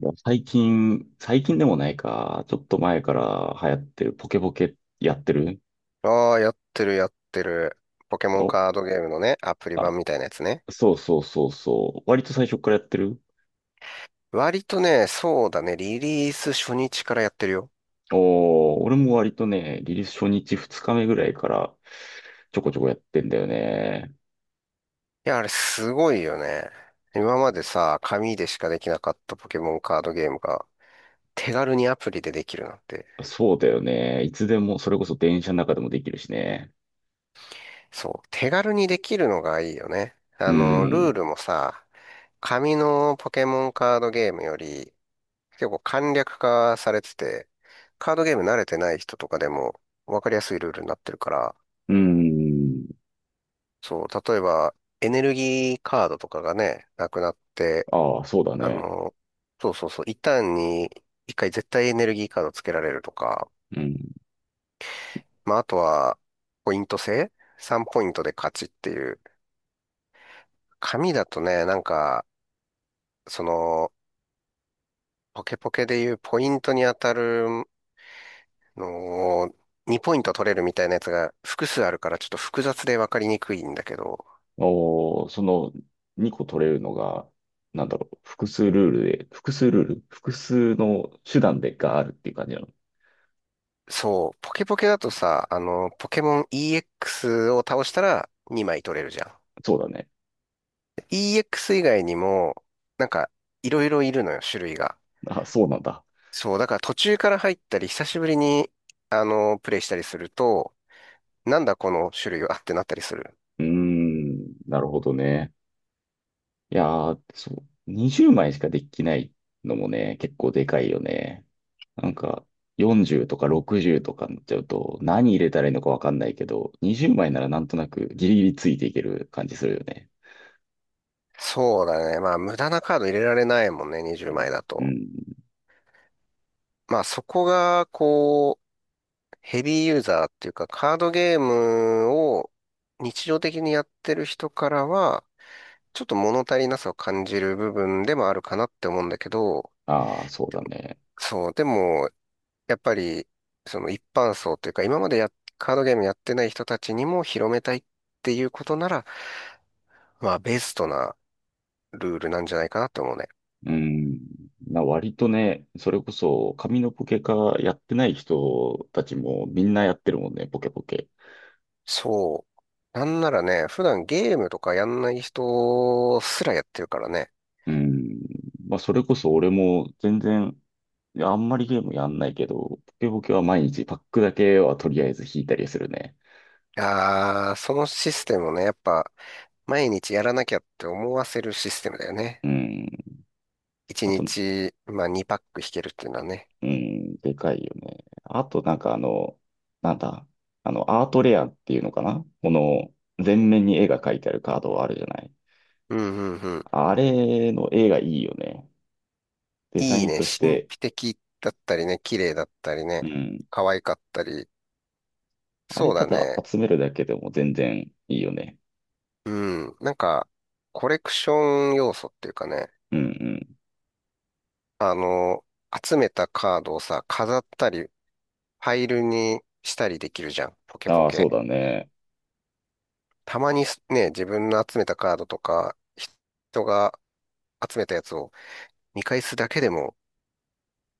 もう最近、最近でもないか、ちょっと前から流行ってるポケポケやってる。ああ、やってるやってる。ポケモンお、カードゲームのね、アプリあ、版みたいなやつね。そうそうそうそう。割と最初からやってる。割とね、そうだね、リリース初日からやってるよ。おー、俺も割とね、リリース初日2日目ぐらいからちょこちょこやってんだよね。いや、あれすごいよね。今までさ、紙でしかできなかったポケモンカードゲームが、手軽にアプリでできるなんて。そうだよね。いつでも、それこそ電車の中でもできるしね。そう、手軽にできるのがいいよね。うルーん。ルもさ、紙のポケモンカードゲームより結構簡略化されてて、カードゲーム慣れてない人とかでも分かりやすいルールになってるから、うん。そう、例えば、エネルギーカードとかがね、なくなって、ああ、そうだあね。の、そうそうそう、一旦に一回絶対エネルギーカードつけられるとか、うん。まあ、あとは、ポイント制 ?3 ポイントで勝ちっていう。紙だとね、その、ポケポケでいうポイントに当たるのを、2ポイント取れるみたいなやつが複数あるからちょっと複雑でわかりにくいんだけど、おー、その2個取れるのが、なんだろう、複数ルール複数の手段でがあるっていう感じなの。そう、ポケポケだとさ、ポケモン EX を倒したら2枚取れるじゃん。そうだね。EX 以外にも、なんか、いろいろいるのよ、種類が。あ、そうなんだ。そう、だから途中から入ったり、久しぶりに、プレイしたりすると、なんだこの種類はってなったりする。うーん、なるほどね。いやー、そう、20枚しかできないのもね、結構でかいよね。なんか、40とか60とかになっちゃうと、何入れたらいいのかわかんないけど、20枚ならなんとなくギリギリついていける感じするよね。そうだね。まあ、無駄なカード入れられないもんね、20枚だうと。ん。まあ、そこが、こう、ヘビーユーザーっていうか、カードゲームを日常的にやってる人からは、ちょっと物足りなさを感じる部分でもあるかなって思うんだけど、ああ、そうだね。そう、でも、やっぱり、その一般層というか、今までや、カードゲームやってない人たちにも広めたいっていうことなら、まあ、ベストなルールなんじゃないかなと思うね。うん。割とね、それこそ紙のポケカやってない人たちもみんなやってるもんね、ポケポケ。そう。なんならね、普段ゲームとかやんない人すらやってるからね。うん。まあ、それこそ俺も全然、いやあんまりゲームやんないけど、ポケポケは毎日パックだけはとりあえず引いたりするね。ああ、そのシステムをね、やっぱ、毎日やらなきゃって思わせるシステムだよね。うん。1あと、日、まあ、2パック引けるっていうのはね。うん、でかいよね。あと、なんかあの、なんだ、あの、アートレアっていうのかなこの、全面に絵が描いてあるカードはあるじゃない。うんうんうん。あれの絵がいいよね。デザいいインね。とし神て。秘的だったりね、綺麗だったりね、うん。可愛かったり。あれ、そうただだね。集めるだけでも全然いいよね。うん。なんか、コレクション要素っていうかね、うんあの、集めたカードをさ、飾ったり、ファイルにしたりできるじゃん。ポうケん。ポああ、そうケ。だね。たまにすね、自分の集めたカードとか、人が集めたやつを見返すだけでも、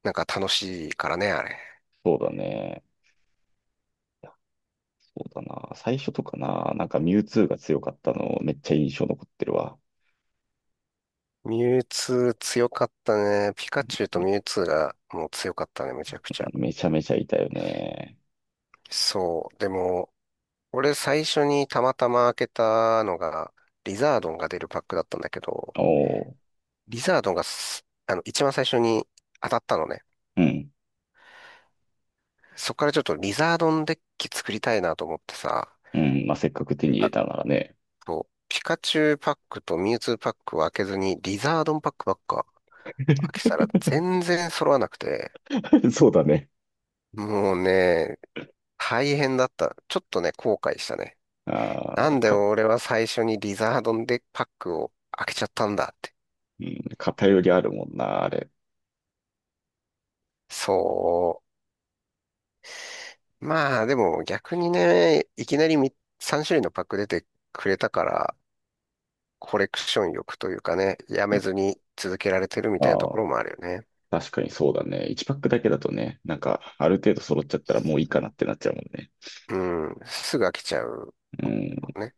なんか楽しいからね、あれ。そうだね。いや、そうだな。最初とかな、なんかミュウツーが強かったの、めっちゃ印象残ってるわ。ミュウツー強かったね。ピうカチュウん。とミュウツーがもう強かったね、めちゃくちゃ。めちゃめちゃいたよね。そう。でも、俺最初にたまたま開けたのが、リザードンが出るパックだったんだけど、おお。リザードンがすあの、一番最初に当たったのね。うん。そこからちょっとリザードンデッキ作りたいなと思ってさ、うん。まあ、せっかく手に入れあたならね。と、ピカチュウパックとミュウツーパックを開けずに、リザードンパックばっか 開けたら全然揃わなくて、そうだね。もうね、大変だった。ちょっとね、後悔したね。なあんあ、で俺は最初にリザードンデッキパックを開けちゃったんだって。うん、偏りあるもんな、あれ。そう。まあ、でも逆にね、いきなりみ3種類のパック出てくれたから、コレクション欲というかね、やめずに続けられてるみあたいなところもあるよね。あ、確かにそうだね。1パックだけだとね、なんか、ある程度揃っちゃったらもういいかそなってなっちゃうもんね。ううん、すぐ飽きちゃう。うん。ね。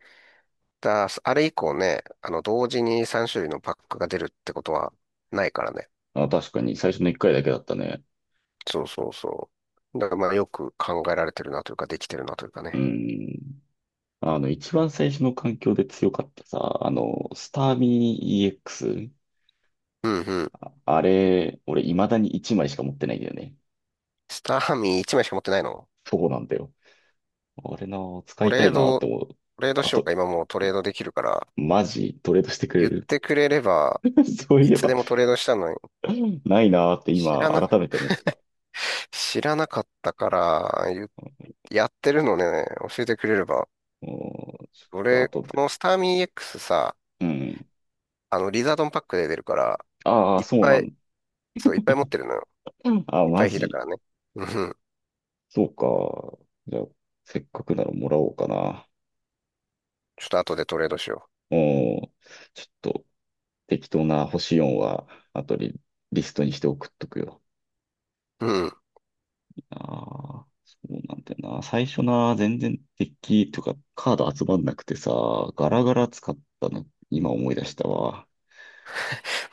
あれ以降ね、あの、同時に3種類のパックが出るってことはないからね。あ、確かに、最初の一回だけだったね。そうそうそう。だからまあ、よく考えられてるなというか、できてるなというかうね。ん。あの、一番最初の環境で強かったさ、あの、スターミー EX。うんうん。あれ、俺、未だに1枚しか持ってないんだよね。スターミー1枚しか持ってないの？そうなんだよ。あれな、使トいたレいーなっド、て思う。トレードあしようと、か、今もうトレードできるから、マジ、トレードしてくれっる？ てくれれば、そういいえつば でもトレードしたのに、ないなって知今、らな、改めて思った。知らなかったから、やってるのね、教えてくれれば。もう、ちょ俺、っと後こで。のスターミー X さ、うん。あの、リザードンパックで出るから、ああ、いっそうぱない、んだ。そう、いっぱい持ってるのよ。あ、いっぱマい引いたかジ。らね。うん。そうか。じゃあ、せっかくならもらおうかな。ちょっと後でトレードしよおー、ちょっと適当な星4は後でリストにして送っとくよ。う。うん。ああ、そうなんだよな。最初な、全然デッキとかカード集まんなくてさ、ガラガラ使ったの、今思い出したわ。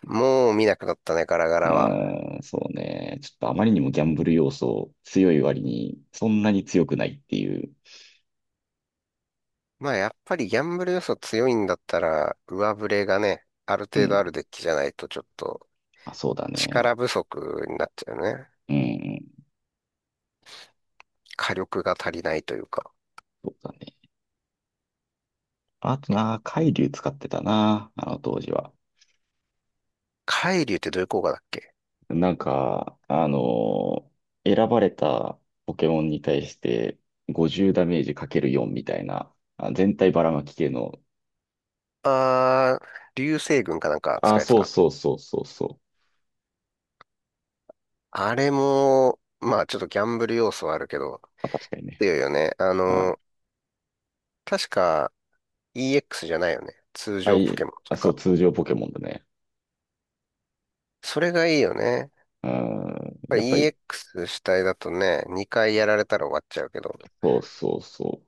もう見なくなったね、ガラガうラは。ーん、そうね。ちょっとあまりにもギャンブル要素強い割に、そんなに強くないっていう。まあ、やっぱりギャンブル要素強いんだったら、上振れがね、あるう程度ん。あるデッキじゃないと、ちょっとまあ、そうだ力ね。不足になっちゃうね。うん、火力が足りないというか。そうだね。あとな、海竜使ってたな、あの当時は。海竜ってどういう効果だっけ？なんか、選ばれたポケモンに対して50ダメージかける4みたいな、あ、全体ばらまき系の、あー、流星群かなんか使あ、うやつそうか。そうそうそうそう。あれも、まあちょっとギャンブル要素はあるけど、あ、確かにね。強いよね。ああ、の、確か EX じゃないよね。通あ、常いポケえ、モンとあ、いうそう、か。通常ポケモンだね。それがいいよね。やっうん、ぱやっぱり り、EX 主体だとね、2回やられたら終わっちゃうけど。そうそうそ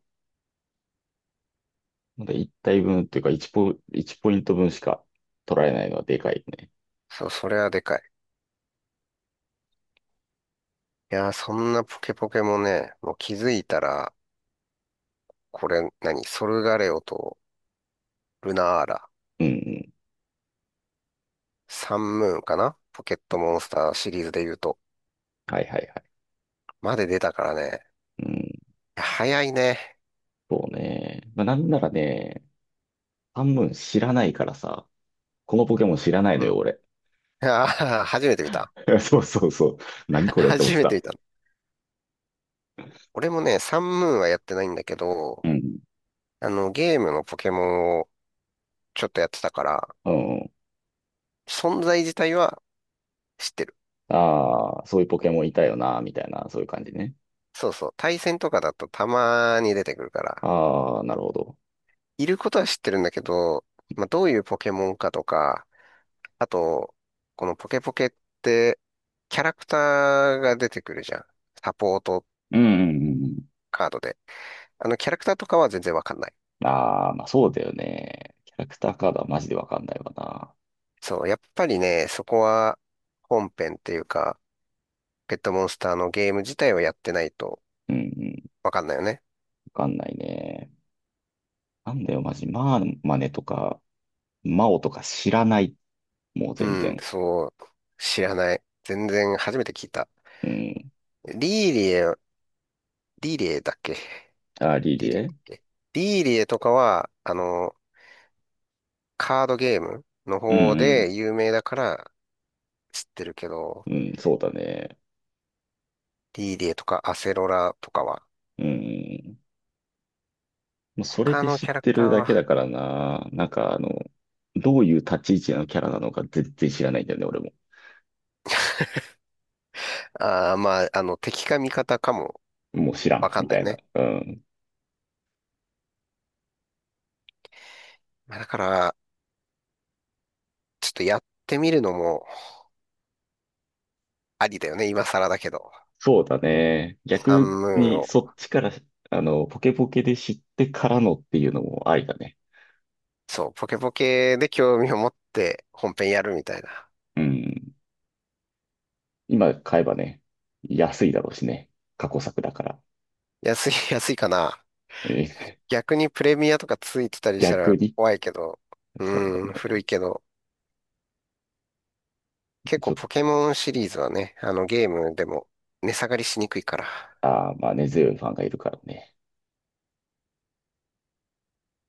う。で、1体分っていうか1ポイント分しか取られないのはでかいね。そう、それはでかい。いやー、そんなポケポケもね、もう気づいたら、これ何、ソルガレオとルナーラ。うんうん。サンムーンかなポケットモンスターシリーズで言うと。はいはいはい。まで出たからね。うん、早いね。そうね。まあ、なんならね、半分知らないからさ、このポケモン知らないのうよ、ん。俺。ああ、初めて見た。そうそうそう。何これって思っ初てめてた。見た。俺もね、サンムーンはやってないんだけど、うん。あの、ゲームのポケモンをちょっとやってたから、うん。存在自体は知ってる。ああ、そういうポケモンいたよな、みたいな、そういう感じね。そうそう。対戦とかだとたまに出てくるから、ああ、なるほど。いることは知ってるんだけど、まあ、どういうポケモンかとか、あと、このポケポケって、キャラクターが出てくるじゃん。サポートうんうんうんうん。カードで。あの、キャラクターとかは全然わかんない。ああ、まあそうだよね。キャラクターカードはマジでわかんないわな。そう、やっぱりね、そこは本編っていうか、ペットモンスターのゲーム自体をやってないとうんうん、わかんないよね。わかんないね。なんだよ、マジ。まあ、マネとか、マオとか知らない。もう全うん、然。そう、知らない。全然初めて聞いた。うん。リーリエ、リーリエだっけあー、リリリーリエだエ。っけリーリエとかは、あの、カードゲームのう方んで有名だから知ってるけど、うん。うん、そうだね。リーリエとかアセロラとかは、うん。もうそれ他での知っキャラクてターるだけは、だからな。なんかあの、どういう立ち位置のキャラなのか全然知らないんだよね、俺も。ああ、まあ、あの、敵か味方かももう知らわん、かんみなたいいな。ね。うん。まあだから、ちょっとやってみるのもありだよね、今更だけど。そうだね。サ逆ンムーンにを、そっちから、あの、ポケポケで知ってからのっていうのもありだね。そう、ポケポケで興味を持って本編やるみたいな。うん。今買えばね、安いだろうしね。過去作だから。安い、安いかな。えー、 逆にプレミアとかついてた りした逆らに。怖いけど、そうだうーん、古ね。いけど、結ち構ょっと、ポケモンシリーズはね、あのゲームでも値下がりしにくいから。ああ、まあ根強いファンがいるからね。